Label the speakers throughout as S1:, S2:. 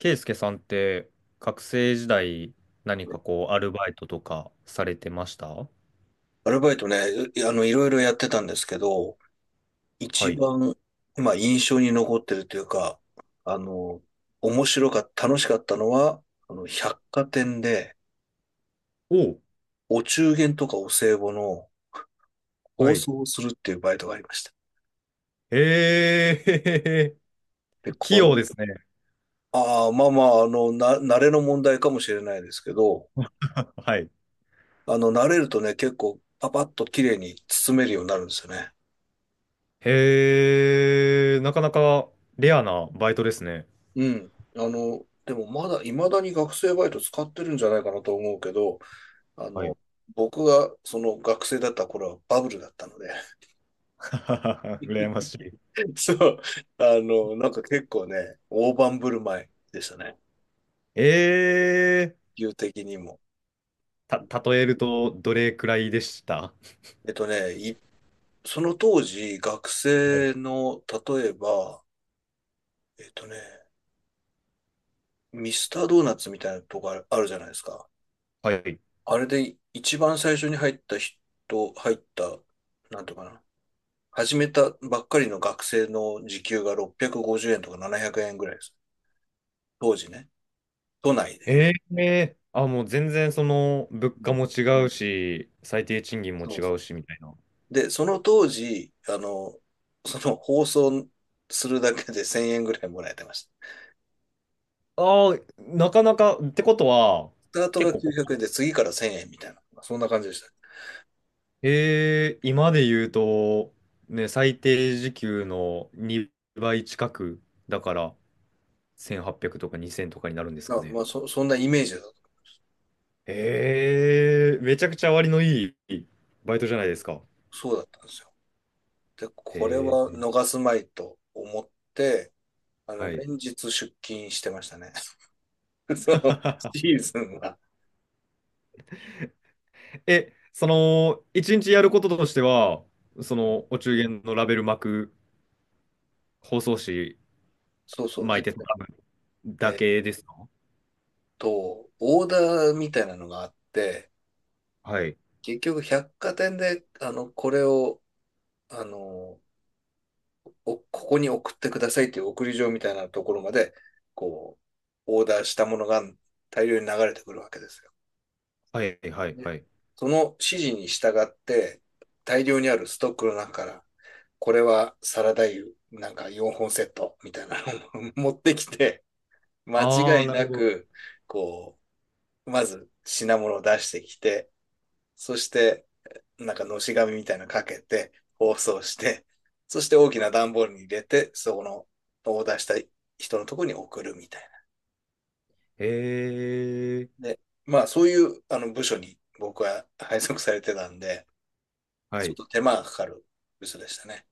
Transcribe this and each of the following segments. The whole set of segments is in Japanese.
S1: ケイスケさんって学生時代何かこうアルバイトとかされてました？
S2: アルバイトね、いあの、いろいろやってたんですけど、
S1: は
S2: 一
S1: い。
S2: 番、まあ、印象に残ってるというか、あの、面白かった、楽しかったのは、百貨店で、
S1: おう。
S2: お中元とかお歳暮の包
S1: はい。
S2: 装をするっていうバイトがありました。
S1: へえ、
S2: で、
S1: 器
S2: これ、
S1: 用ですね。
S2: ああ、まあまあ、慣れの問題かもしれないですけど、
S1: はい。
S2: 慣れるとね、結構、パパッと綺麗に包めるようになるんですよね。
S1: へえ、なかなかレアなバイトですね。
S2: うん。でもまだ、未だに学生バイト使ってるんじゃないかなと思うけど、あ
S1: は
S2: の、
S1: い。
S2: 僕がその学生だった頃はバブルだったので、
S1: 羨ましい。
S2: そう、なんか結構ね、大盤振る舞いでしたね、
S1: ええ、
S2: 理的にも。
S1: 例えるとどれくらいでした？
S2: えっとね、いその当時、学
S1: はい。
S2: 生の、例えば、えっとね、ミスタードーナツみたいなとこあるあるじゃないですか。
S1: はい。
S2: あれで一番最初に入った人、入った、なんていうかな、始めたばっかりの学生の時給が650円とか700円ぐらいです。当時ね、都内で。
S1: ええ、あ、もう全然その物
S2: う
S1: 価
S2: ん、
S1: も違うし、最低賃金も
S2: そう。
S1: 違うしみたいな。
S2: で、その当時、その放送するだけで1000円ぐらいもらえてました。
S1: ああ、なかなか、ってことは、
S2: スタート
S1: 結
S2: が
S1: 構こ
S2: 900円で次から1000円みたいな、そんな感じでした。
S1: う、今で言うと、ね、最低時給の2倍近く、だから1800とか2000とかになるんです
S2: だ
S1: か
S2: から
S1: ね。
S2: まあ、そんなイメージだと。
S1: めちゃくちゃ割のいいバイトじゃないですか。
S2: そうだったんですよ。で、これ
S1: え
S2: は
S1: ー、
S2: 逃すまいと思って、
S1: はい。
S2: 連日出勤してましたね。その シーズンは。
S1: え、その、一日やることとしては、そ
S2: うん、
S1: の、お中元のラベル巻く、包装紙
S2: そうそう。
S1: 巻
S2: えっ
S1: いて
S2: と
S1: も
S2: ね
S1: らうだ
S2: えっ
S1: けですか？
S2: と、オーダーみたいなのがあって、
S1: はい。
S2: 結局百貨店で、これを、あの、ここに送ってくださいという送り状みたいなところまで、こう、オーダーしたものが大量に流れてくるわけですよ。
S1: はい、はい、
S2: で、
S1: はい。
S2: その指示に従って、大量にあるストックの中から、これはサラダ油、なんか4本セットみたいなのを 持ってきて、間
S1: ああ、
S2: 違い
S1: なる
S2: な
S1: ほど。
S2: く、こう、まず品物を出してきて、そしてなんかのし紙みたいなのかけて、包装して、そして大きな段ボールに入れて、そこのオーダーした人のところに送るみたい
S1: へえ、
S2: な。で、まあそういうあの部署に僕は 配属されてたんで、
S1: は
S2: ちょっ
S1: い。
S2: と手間がかかる部署でしたね。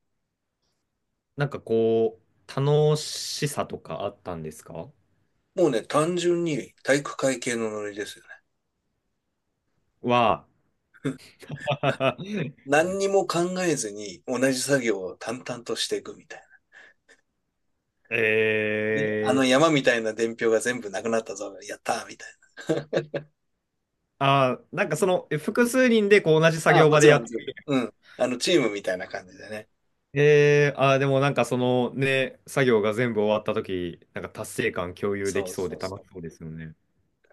S1: なんかこう、楽しさとかあったんですか？
S2: もうね、単純に体育会系のノリですよね。
S1: は、
S2: 何にも考えずに同じ作業を淡々としていくみたい
S1: え
S2: な。で、あの
S1: え、
S2: 山みたいな伝票が全部なくなったぞ、やったーみたいな。
S1: あー、なんかその、複数人でこう同じ 作
S2: あ、
S1: 業
S2: も
S1: 場
S2: ち
S1: で
S2: ろ
S1: や
S2: ん
S1: っ
S2: も
S1: て、
S2: ちろん。うん。あのチームみたいな感じでね。
S1: でもなんかそのね、作業が全部終わった時なんか達成感共有で
S2: そ
S1: き
S2: う
S1: そう
S2: そ
S1: で
S2: う
S1: 楽し
S2: そ
S1: そうですよね。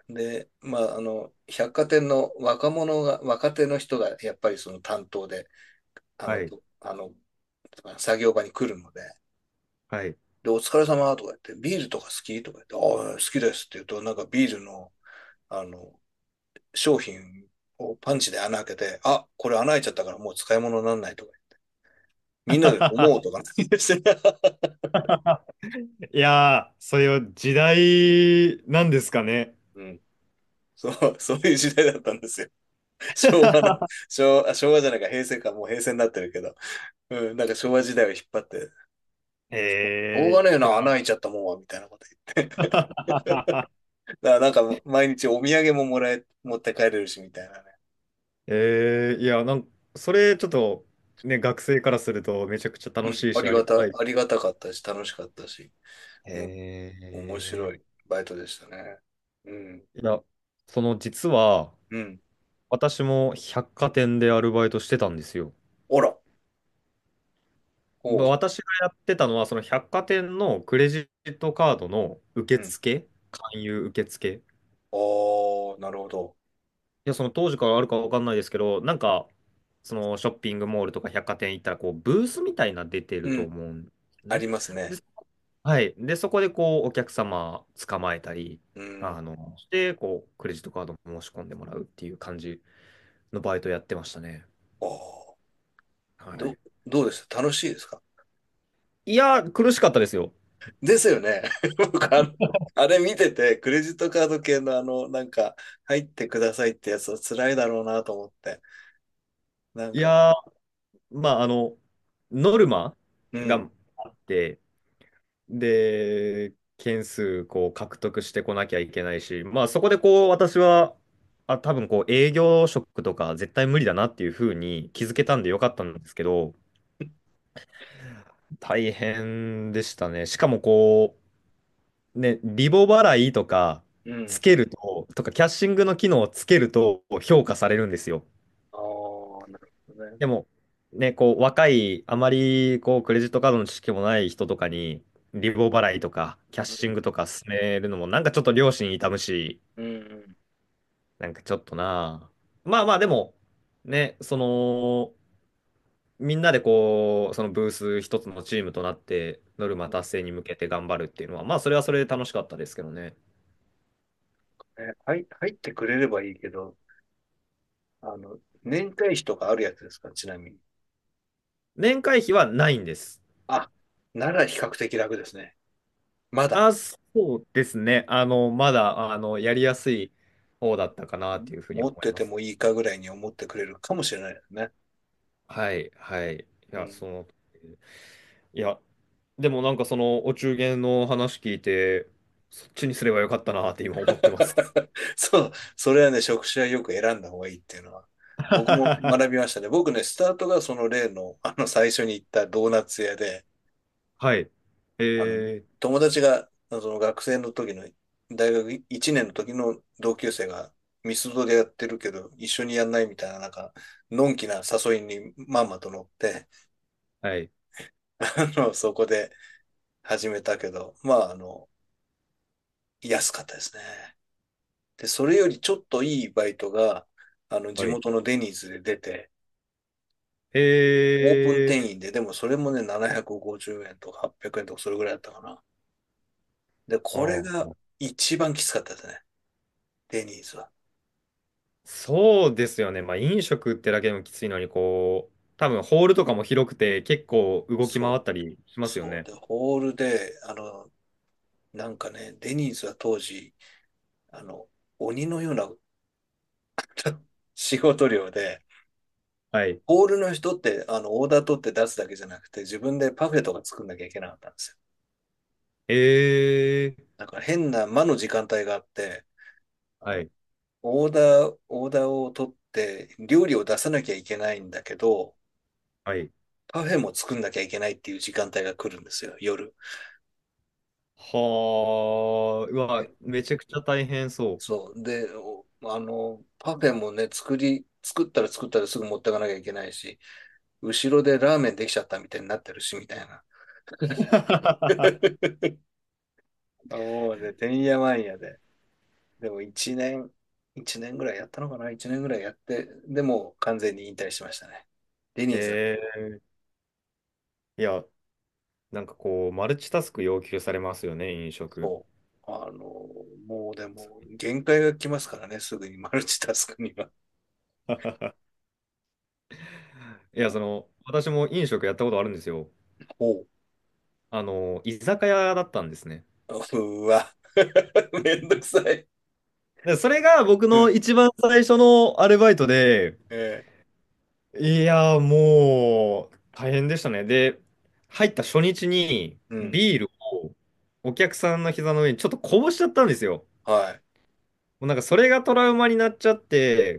S2: う。で、まあ、百貨店の若者が、若手の人がやっぱりその担当で、あの、
S1: はい、
S2: こあの、作業場に来るので、
S1: はい。
S2: で、お疲れ様とか言って、ビールとか好きとか言って、ああ、好きですって言うと、なんかビールの、あの、商品をパンチで穴開けて、あ、これ穴開いちゃったからもう使い物にならないとか、みんなで思う とかなんですよ
S1: いやー、それは時代なんですかね。
S2: うん。そう、そういう時代だったんですよ。昭和な、昭和、あ昭和じゃないか、平成か、もう平成になってるけど。うん、なんか昭和時代を引っ張って、しょう
S1: え
S2: がね
S1: え。
S2: えな、穴開いちゃったもんは、みたいなこと言 って。だからなんか毎日お土産ももらえ、持って帰れるし、みたいなね。
S1: いや、それちょっと、ね、学生からするとめちゃくちゃ
S2: う
S1: 楽
S2: ん、
S1: しいし、ありがたい。
S2: ありがたかったし、楽しかったし、うん、面白い
S1: え。
S2: バイトでしたね。うん、
S1: いや、その実は、
S2: うん。
S1: 私も百貨店でアルバイトしてたんですよ。
S2: あら、おう、
S1: まあ私がやってたのは、その百貨店のクレジットカードの受
S2: うん。
S1: 付、勧誘受付。い
S2: ああ、なるほど。
S1: や、その当時からあるかわかんないですけど、なんか、そのショッピングモールとか百貨店行ったら、こう、ブースみたいなの出てる
S2: う
S1: と
S2: ん、
S1: 思うんです
S2: あ
S1: ね。
S2: ります
S1: で、
S2: ね。
S1: はい。で、そこでこう、お客様捕まえたり、
S2: うん。
S1: して、こう、クレジットカードも申し込んでもらうっていう感じのバイトやってましたね。
S2: ああ、
S1: はい。
S2: ど、どうでした、楽しいですか？
S1: いやー、苦しかったですよ。
S2: ですよね。僕あれ見てて、クレジットカード系の入ってくださいってやつは辛いだろうなと思って。なん
S1: い
S2: か、
S1: やー、まあ、ノルマ
S2: うん、
S1: があって、で、件数、こう、獲得してこなきゃいけないし、まあ、そこでこう、私は、あ、多分こう、営業職とか絶対無理だなっていうふうに気づけ
S2: うん、
S1: たんでよかったんですけど、大変でしたね。しかもこう、ね、リボ払いとか
S2: う
S1: つ
S2: ん。
S1: けると、とかキャッシングの機能をつけると評価されるんですよ。
S2: ああ、なるほどね。
S1: でも、ね、こう若い、あまりこうクレジットカードの知識もない人とかに、リボ払いとかキャッ
S2: う
S1: シ
S2: ん、
S1: ングとか勧めるのも、なんかちょっと良心痛むし、
S2: うん、うん
S1: なんかちょっとなあ。まあまあ、でも、ね、その、みんなでこう、そのブース一つのチームとなって、ノルマ
S2: うん。
S1: 達成に向けて頑張るっていうのは、まあ、それはそれで楽しかったですけどね。
S2: え、入ってくれればいいけど、年会費とかあるやつですか、ちなみに。
S1: 年会費はないんです。
S2: あ、なら比較的楽ですね。まだ、
S1: あ、そうですね。まだ、やりやすい方だったか
S2: う
S1: なっ
S2: ん、
S1: ていうふうに
S2: 持
S1: 思
S2: っ
S1: い
S2: て
S1: ま
S2: て
S1: す
S2: もい
S1: ね。
S2: いかぐらいに思ってくれるかもしれないですね。
S1: はい、はい。い
S2: う
S1: や、
S2: ん。
S1: その、いや、でもなんかその、お中元の話聞いて、そっちにすればよかったなって今思ってます。
S2: そう、それはね、職種はよく選んだ方がいいっていうのは、僕も
S1: は
S2: 学びましたね。僕ね、スタートがその例の、最初に行ったドーナツ屋で、
S1: い。
S2: あの、
S1: えー、
S2: 友達が、その学生の時の、大学1年の時の同級生が、ミスドでやってるけど、一緒にやんないみたいな、なんか、のんきな誘いにまんまと乗って、
S1: はい、
S2: そこで始めたけど、まあ、安かったですね。で、それよりちょっといいバイトが、地
S1: はい。
S2: 元のデニーズで出て、オープン
S1: えー、
S2: 店員で、でもそれもね、750円とか800円とかそれぐらいだったかな。で、
S1: う
S2: これ
S1: ん。
S2: が一番きつかったですね。デニーズは。
S1: そうですよね。まあ、飲食ってだけでもきついのに、こう、多分ホールとかも広くて、結構動き回
S2: そ
S1: ったりし
S2: う、
S1: ますよ
S2: そう。
S1: ね。
S2: で、ホールで、なんかね、デニーズは当時、あの、鬼のような 仕事量で、
S1: はい。
S2: ホールの人って、オーダー取って出すだけじゃなくて、自分でパフェとか作んなきゃいけなかったんですよ。
S1: えー
S2: だから変な間の時間帯があって、あ
S1: は
S2: の、
S1: い。
S2: オーダーを取って、料理を出さなきゃいけないんだけど、
S1: はい。
S2: パフェも作んなきゃいけないっていう時間帯が来るんですよ、夜。
S1: はあ、うわ、
S2: で、
S1: めちゃくちゃ大変そ
S2: そう。で、パフェもね、作ったらすぐ持ってかなきゃいけないし、後ろでラーメンできちゃったみたいになってるし、みたいな。もうね、てんやわんやで。でも1年、1年ぐらいやったのかな、一年ぐらいやって、でも完全に引退しましたね。デ
S1: う。
S2: ニーズは、
S1: いや、なんかこう、マルチタスク要求されますよね、飲食。
S2: そう。もうでも、限界が来ますからね、すぐにマルチタスクには。
S1: いや、
S2: お
S1: その、私も飲食やったことあるんですよ。
S2: お。
S1: 居酒屋だったんですね。
S2: うわ。めんどくさい。
S1: で、それが僕
S2: う
S1: の
S2: ん。
S1: 一番最初のアルバイトで、
S2: え
S1: いや、もう、大変でしたね。で、入った初日に、
S2: ー、うん。
S1: ビールをお客さんの膝の上にちょっとこぼしちゃったんですよ。
S2: はい。
S1: もうなんかそれがトラウマになっちゃっ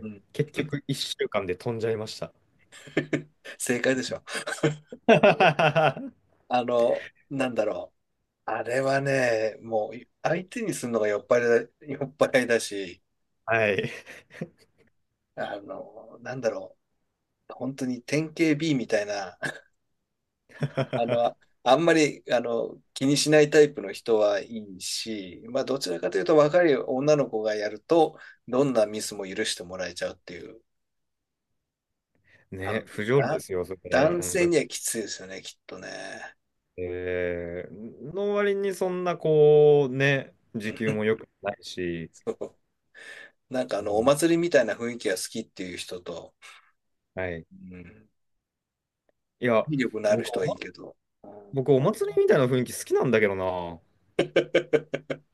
S2: うん。
S1: 結局1週間で飛んじゃいました。
S2: 正解でしょ。
S1: は
S2: なんだろう。あれはね、もう相手にするのが酔っ払いだし、
S1: い。
S2: なんだろう。本当に典型 B みたいな、あの、ああんまり、気にしないタイプの人はいいし、まあ、どちらかというと若い女の子がやると、どんなミスも許してもらえちゃうっていうあの、
S1: ね、不条理で
S2: だ、
S1: すよ、それ、
S2: 男
S1: 本当
S2: 性
S1: に。
S2: にはきついですよね、きっとね。
S1: の割にそんなこう、ね、
S2: う
S1: 時給
S2: ん、
S1: も良くないし、
S2: そう。なんか
S1: う
S2: お
S1: ん、
S2: 祭りみたいな雰囲気が好きっていう人と、
S1: はい。
S2: うん、
S1: いや、
S2: 体力のある
S1: 僕
S2: 人
S1: お、
S2: はい
S1: ま、
S2: いけど、
S1: 僕、お祭りみたいな雰囲気好きなんだけどな。好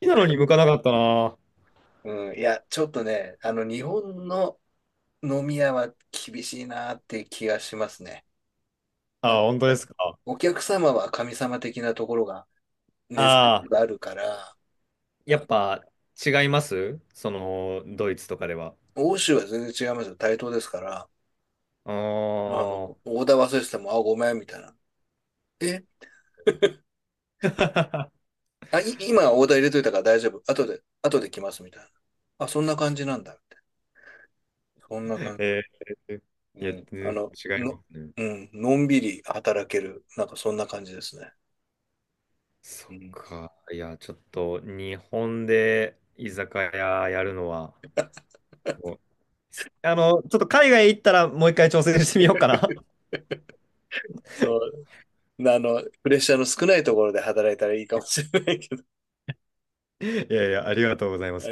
S1: きなのに向かなかったな。
S2: うん、いや、ちょっとね、日本の飲み屋は厳しいなって気がしますね。な
S1: あ
S2: ん
S1: あ、
S2: か、
S1: 本当ですか。
S2: お客様は神様的なところが根強
S1: あ
S2: く
S1: あ、
S2: あるから、
S1: やっ
S2: あ、
S1: ぱ違いますその、ドイツとかでは。
S2: 欧州は全然違いますよ。対等ですから、
S1: あ
S2: あの、オーダー忘れてても、あ、ごめん、みたいな。え、
S1: あ。
S2: 今オーダー入れといたから大丈夫。後で来ますみたいな。あ、そんな感じなんだ。みたいな、そんな感じ。
S1: えー、い
S2: う
S1: や、
S2: ん。
S1: 全然違いますね。
S2: うん。のんびり働ける。なんかそんな感じですね。
S1: そ
S2: う
S1: っ
S2: ん。
S1: か。いや、ちょっと、日本で居酒屋やるのは、もう、ちょっと海外行ったらもう一回挑戦してみようか な。
S2: そう。プレッシャーの少ないところで働いたらいいかもしれないけど。
S1: いやいや、ありがとうござい ます。
S2: あ